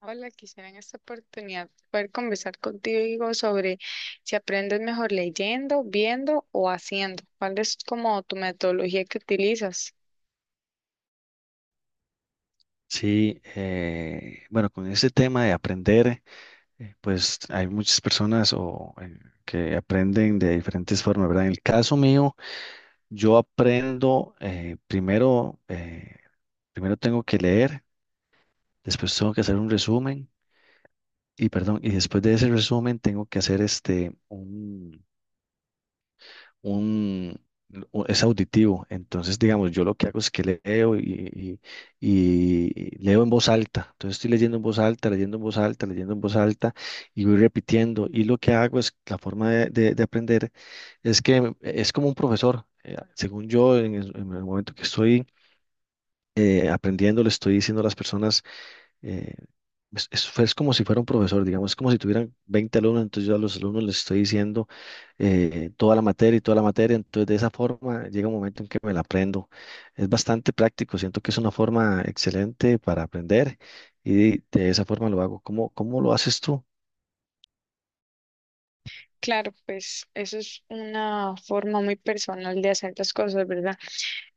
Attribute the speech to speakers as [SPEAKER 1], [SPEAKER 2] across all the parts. [SPEAKER 1] Hola, quisiera en esta oportunidad poder conversar contigo sobre si aprendes mejor leyendo, viendo o haciendo. ¿Cuál es como tu metodología que utilizas?
[SPEAKER 2] Sí, bueno, con ese tema de aprender, pues hay muchas personas o que aprenden de diferentes formas, ¿verdad? En el caso mío, yo aprendo primero, primero tengo que leer, después tengo que hacer un resumen y, perdón, y después de ese resumen tengo que hacer un, es auditivo. Entonces, digamos, yo lo que hago es que y- leo en voz alta. Entonces estoy leyendo en voz alta, leyendo en voz alta, leyendo en voz alta y voy repitiendo. Y lo que hago es, la forma de aprender es que es como un profesor. Según yo, en el momento que estoy aprendiendo, le estoy diciendo a las personas eh, es como si fuera un profesor, digamos, es como si tuvieran 20 alumnos, entonces yo a los alumnos les estoy diciendo toda la materia y toda la materia, entonces de esa forma llega un momento en que me la aprendo. Es bastante práctico, siento que es una forma excelente para aprender y de esa forma lo hago. ¿Cómo lo haces tú?
[SPEAKER 1] Claro, pues eso es una forma muy personal de hacer las cosas, ¿verdad?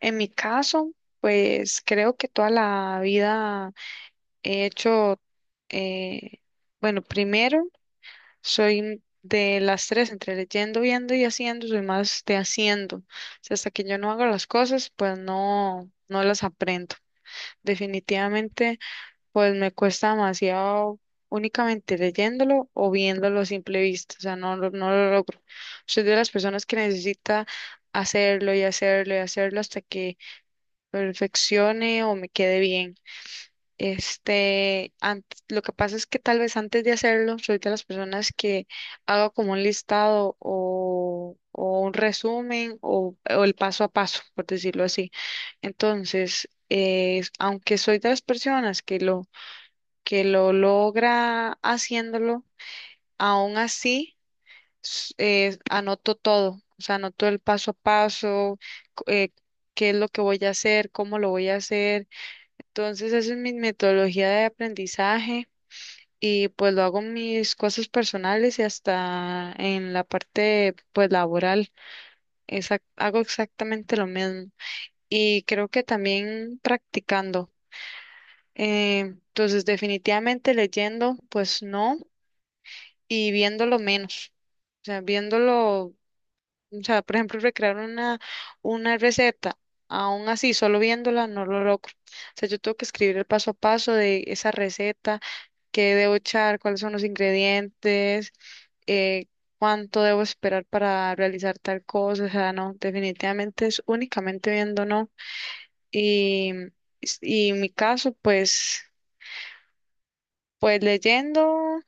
[SPEAKER 1] En mi caso, pues creo que toda la vida he hecho, eh, bueno, primero soy de las tres, entre leyendo, viendo y haciendo, soy más de haciendo. O sea, hasta que yo no hago las cosas, pues no, no las aprendo. Definitivamente, pues me cuesta demasiado únicamente leyéndolo o viéndolo a simple vista. O sea, no, no lo logro. Soy de las personas que necesita hacerlo y hacerlo y hacerlo hasta que perfeccione o me quede bien. Este, antes, lo que pasa es que tal vez antes de hacerlo, soy de las personas que hago como un listado o un resumen o el paso a paso, por decirlo así. Entonces, aunque soy de las personas que lo logra haciéndolo, aún así anoto todo, o sea, anoto el paso a paso, c- eh, qué es lo que voy a hacer, cómo lo voy a hacer. Entonces, esa es mi metodología de aprendizaje y pues lo hago en mis cosas personales y hasta en la parte pues laboral. Hago exactamente lo mismo y creo que también practicando. Eh, entonces, definitivamente leyendo pues no y viéndolo menos. O sea, viéndolo O sea, por ejemplo, recrear una receta, aún así, solo viéndola, no lo logro. O sea, yo tengo que escribir el paso a paso de esa receta, qué debo echar, cuáles son los ingredientes, eh, cuánto debo esperar para realizar tal cosa. O sea, no, definitivamente es únicamente viendo, ¿no? Y, y en mi caso, pues, pues leyendo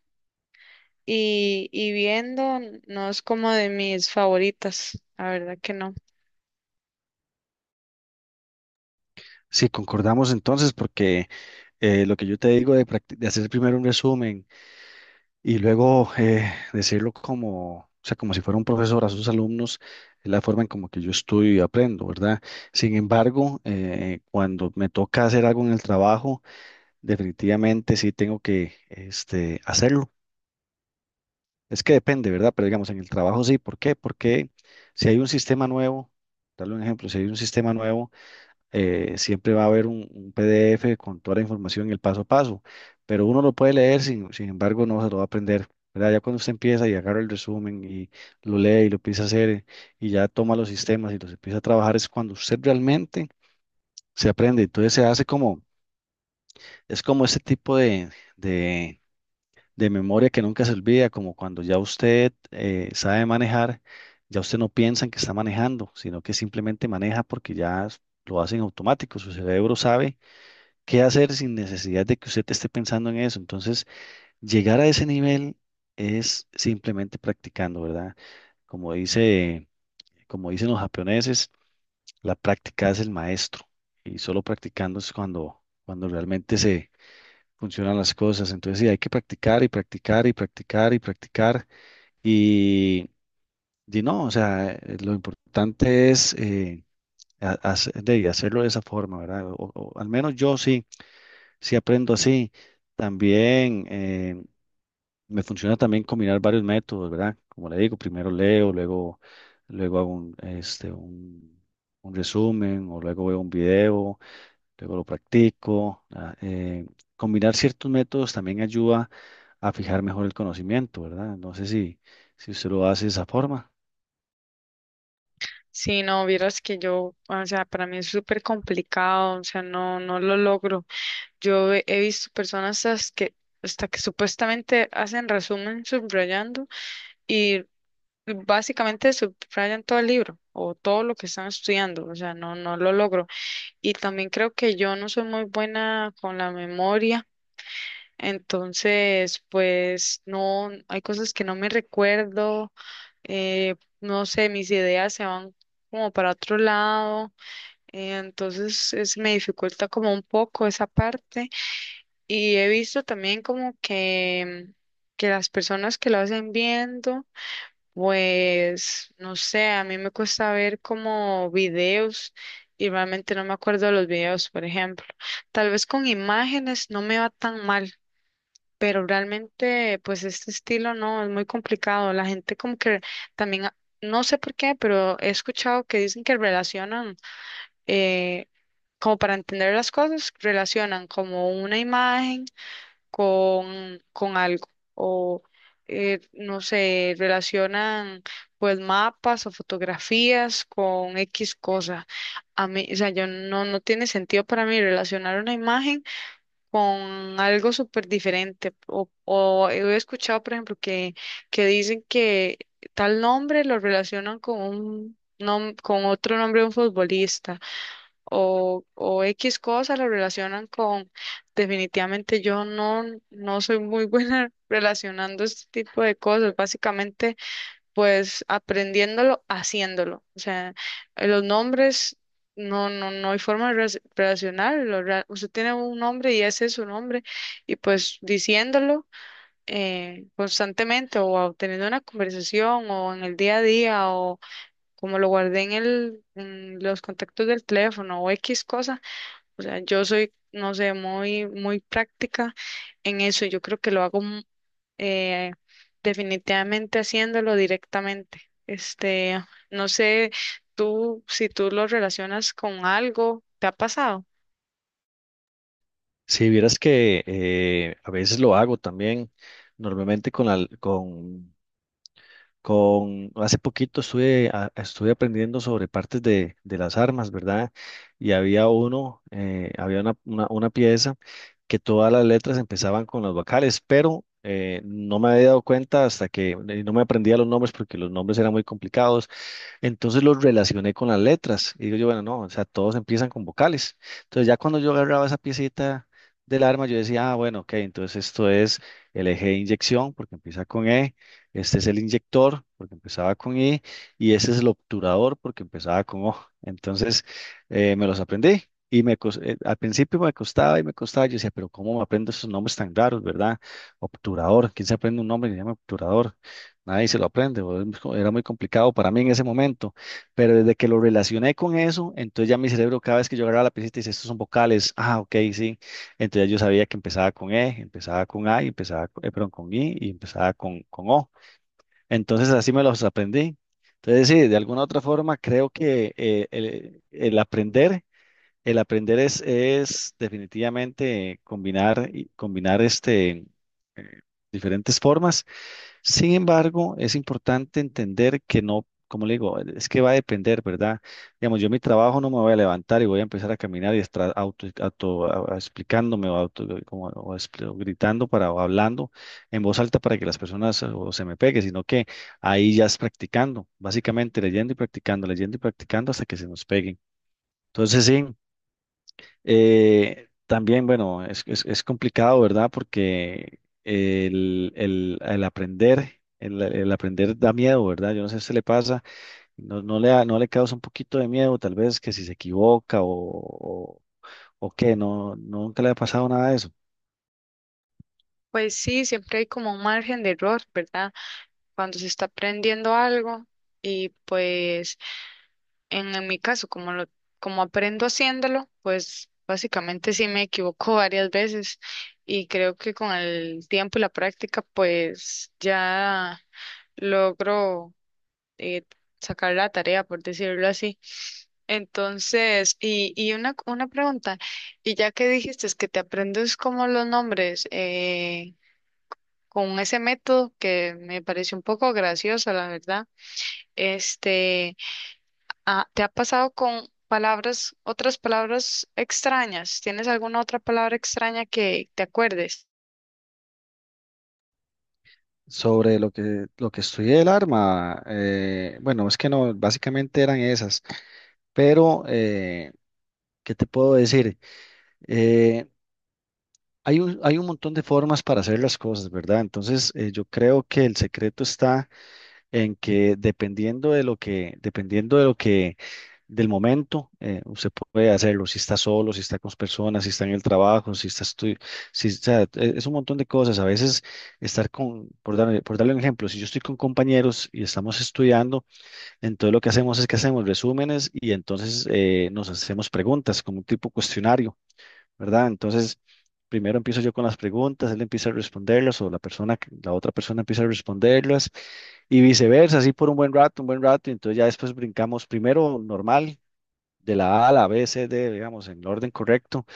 [SPEAKER 1] y viendo, no es como de mis favoritas, la verdad que no.
[SPEAKER 2] Sí, concordamos entonces, porque lo que yo te digo de, de hacer primero un resumen, y luego decirlo como, o sea, como si fuera un profesor a sus alumnos, es la forma en como que yo estudio y aprendo, ¿verdad? Sin embargo, cuando me toca hacer algo en el trabajo, definitivamente sí tengo que este, hacerlo. Es que depende, ¿verdad? Pero digamos, en el trabajo sí. ¿Por qué? Porque si hay un sistema nuevo, darle un ejemplo, si hay un sistema nuevo, siempre va a haber un PDF con toda la información y el paso a paso, pero uno lo puede leer, sin embargo, no se lo va a aprender, ¿verdad? Ya cuando usted empieza y agarra el resumen y lo lee y lo empieza a hacer y ya toma los sistemas y los empieza a trabajar, es cuando usted realmente se aprende. Entonces se hace como, es como ese tipo de, de memoria que nunca se olvida, como cuando ya usted sabe manejar, ya usted no piensa en que está manejando, sino que simplemente maneja porque ya lo hace en automático, su cerebro sabe qué hacer sin necesidad de que usted esté pensando en eso. Entonces, llegar a ese nivel es simplemente practicando, ¿verdad? Como dice, Como dicen los japoneses, la práctica es el maestro y solo practicando es cuando, cuando realmente se funcionan las cosas. Entonces, sí, hay que practicar y practicar y practicar y practicar y, y no, o sea, lo importante es de hacerlo de esa forma, ¿verdad? O al menos yo sí. Sí, aprendo así. También me funciona también combinar varios métodos, ¿verdad? Como le digo, primero leo, luego hago un resumen o luego veo un video, luego lo practico. Combinar ciertos métodos también ayuda a fijar mejor el conocimiento, ¿verdad? No sé si usted lo hace de esa forma.
[SPEAKER 1] Sí, no, vieras que yo, o sea, para mí es súper complicado, o sea, no, no lo logro. Yo he visto personas que, hasta que supuestamente hacen resumen subrayando y básicamente subrayan todo el libro o todo lo que están estudiando, o sea, no, no lo logro. Y también creo que yo no soy muy buena con la memoria, entonces, pues, no, hay cosas que no me recuerdo, eh, no sé, mis ideas se van como para otro lado. Entonces es, me dificulta como un poco esa parte y he visto también como que las personas que lo hacen viendo, pues no sé, a mí me cuesta ver como videos y realmente no me acuerdo de los videos, por ejemplo. Tal vez con imágenes no me va tan mal, pero realmente pues este estilo no, es muy complicado. La gente como que también, no sé por qué, pero he escuchado que dicen que relacionan. eh, Como para entender las cosas, relacionan como una imagen con algo o no sé, relacionan pues mapas o fotografías con X cosa. A mí, o sea, yo no, no tiene sentido para mí relacionar una imagen con algo súper diferente. O he escuchado, por ejemplo, que dicen que tal nombre lo relacionan con con otro nombre de un futbolista o X cosa lo relacionan con, definitivamente yo no, no soy muy buena relacionando este tipo de cosas, básicamente pues aprendiéndolo, haciéndolo. O sea, los nombres no, no, no hay forma de relacionarlo. Usted tiene un nombre y ese es su nombre y pues diciéndolo constantemente o teniendo una conversación o en el día a día o como lo guardé en el, en los contactos del teléfono o X cosa. O sea, yo soy, no sé, muy, muy práctica en eso. Yo creo que lo hago eh, definitivamente haciéndolo directamente. Este, no sé, si tú lo relacionas con algo, ¿te ha pasado?
[SPEAKER 2] Si vieras que a veces lo hago también, normalmente hace poquito estuve aprendiendo sobre partes de las armas, ¿verdad? Y había uno, había una pieza que todas las letras empezaban con las vocales, pero no me había dado cuenta hasta que y no me aprendía los nombres porque los nombres eran muy complicados. Entonces los relacioné con las letras. Y digo yo, bueno, no, o sea, todos empiezan con vocales. Entonces ya cuando yo agarraba esa piecita del arma, yo decía, ah, bueno, ok, entonces esto es el eje de inyección, porque empieza con E, este es el inyector, porque empezaba con I, y ese es el obturador, porque empezaba con O. Entonces me los aprendí. Y al principio me costaba y me costaba. Yo decía, pero ¿cómo me aprendo esos nombres tan raros, verdad? Obturador, ¿quién se aprende un nombre que se llama obturador? Nadie se lo aprende, o es era muy complicado para mí en ese momento, pero desde que lo relacioné con eso, entonces ya mi cerebro cada vez que yo agarraba la pista dice, estos son vocales, ah, ok, sí, entonces yo sabía que empezaba con E, empezaba con A, y perdón, con I y empezaba con O, entonces así me los aprendí. Entonces sí, de alguna u otra forma creo que el aprender es definitivamente combinar eh, diferentes formas. Sin embargo, es importante entender que no, como le digo, es que va a depender, ¿verdad? Digamos, yo en mi trabajo no me voy a levantar y voy a empezar a caminar y estar explicándome o, auto, como- o expli- o gritando o hablando en voz alta para que las personas o se me pegue, sino que ahí ya es practicando, básicamente leyendo y practicando hasta que se nos peguen. Entonces, sí. También, bueno, es complicado, ¿verdad? Porque el aprender, el aprender da miedo, ¿verdad? Yo no sé si le pasa, no le causa un poquito de miedo, tal vez que si se equivoca o qué, no, nunca le ha pasado nada de eso.
[SPEAKER 1] Pues sí, siempre hay como un margen de error, ¿verdad? Cuando se está aprendiendo algo y pues en mi caso, como aprendo haciéndolo, pues básicamente sí me equivoco varias veces y creo que con el tiempo y la práctica, pues ya logro eh, sacar la tarea, por decirlo así. Entonces, y una pregunta, y ya que dijiste es que te aprendes como los nombres con ese método que me pareció un poco gracioso, la verdad, este... Ah, ¿te ha pasado con palabras, otras palabras extrañas? ¿Tienes alguna otra palabra extraña que te acuerdes?
[SPEAKER 2] Sobre lo lo que estudié del arma, bueno, es que no, básicamente eran esas, pero ¿qué te puedo decir? Eh, Hay hay un montón de formas para hacer las cosas, ¿verdad? Entonces, yo creo que el secreto está en que dependiendo de lo que, del momento, usted puede hacerlo, si está solo, si está con personas, si está en el trabajo, si está estu- si, o sea, es un montón de cosas. A veces estar con, por darle un ejemplo, si yo estoy con compañeros y estamos estudiando, entonces lo que hacemos es que hacemos resúmenes y entonces nos hacemos preguntas como un tipo cuestionario. ¿Verdad? Entonces, primero empiezo yo con las preguntas, él empieza a responderlas o la persona, la otra persona empieza a responderlas y viceversa, así por un buen rato, y entonces ya después brincamos primero normal, de la A a la B, C, D, digamos, en el orden correcto,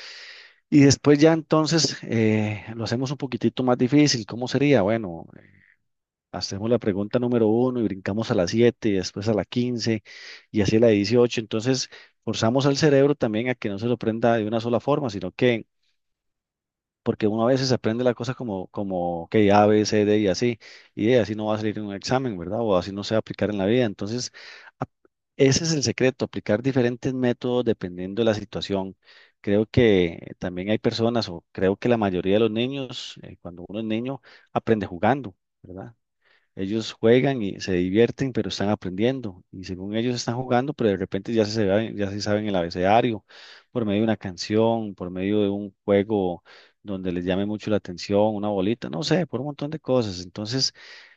[SPEAKER 2] y después ya entonces lo hacemos un poquitito más difícil, ¿cómo sería? Bueno, hacemos la pregunta número uno y brincamos a la 7 y después a la 15 y así a la 18, entonces forzamos al cerebro también a que no se lo prenda de una sola forma, sino que porque uno a veces aprende la cosa como, como que A, B, C, D y así, y de así no va a salir en un examen, ¿verdad? O así no se va a aplicar en la vida. Entonces, ap- ese es el secreto, aplicar diferentes métodos dependiendo de la situación. Creo que también hay personas, o creo que la mayoría de los niños, cuando uno es niño, aprende jugando, ¿verdad? Ellos juegan y se divierten, pero están aprendiendo. Y según ellos están jugando, pero de repente ya se saben el abecedario por medio de una canción, por medio de un juego donde les llame mucho la atención, una bolita, no sé, por un montón de cosas. Entonces,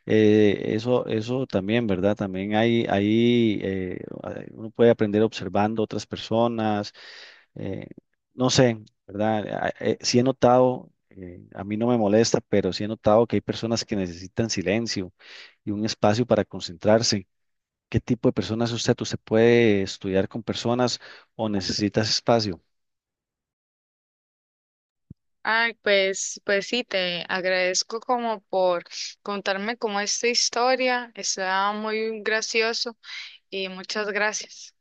[SPEAKER 2] eso, eso también, ¿verdad? También hay, ahí uno puede aprender observando otras personas, eh, no sé, ¿verdad? Sí he notado, a mí no me molesta, pero sí he notado que hay personas que necesitan silencio y un espacio para concentrarse. ¿Qué tipo de personas es usted? ¿Usted puede estudiar con personas o necesitas espacio?
[SPEAKER 1] Ay, pues, pues sí, te agradezco como por contarme como esta historia. Está muy gracioso y muchas gracias.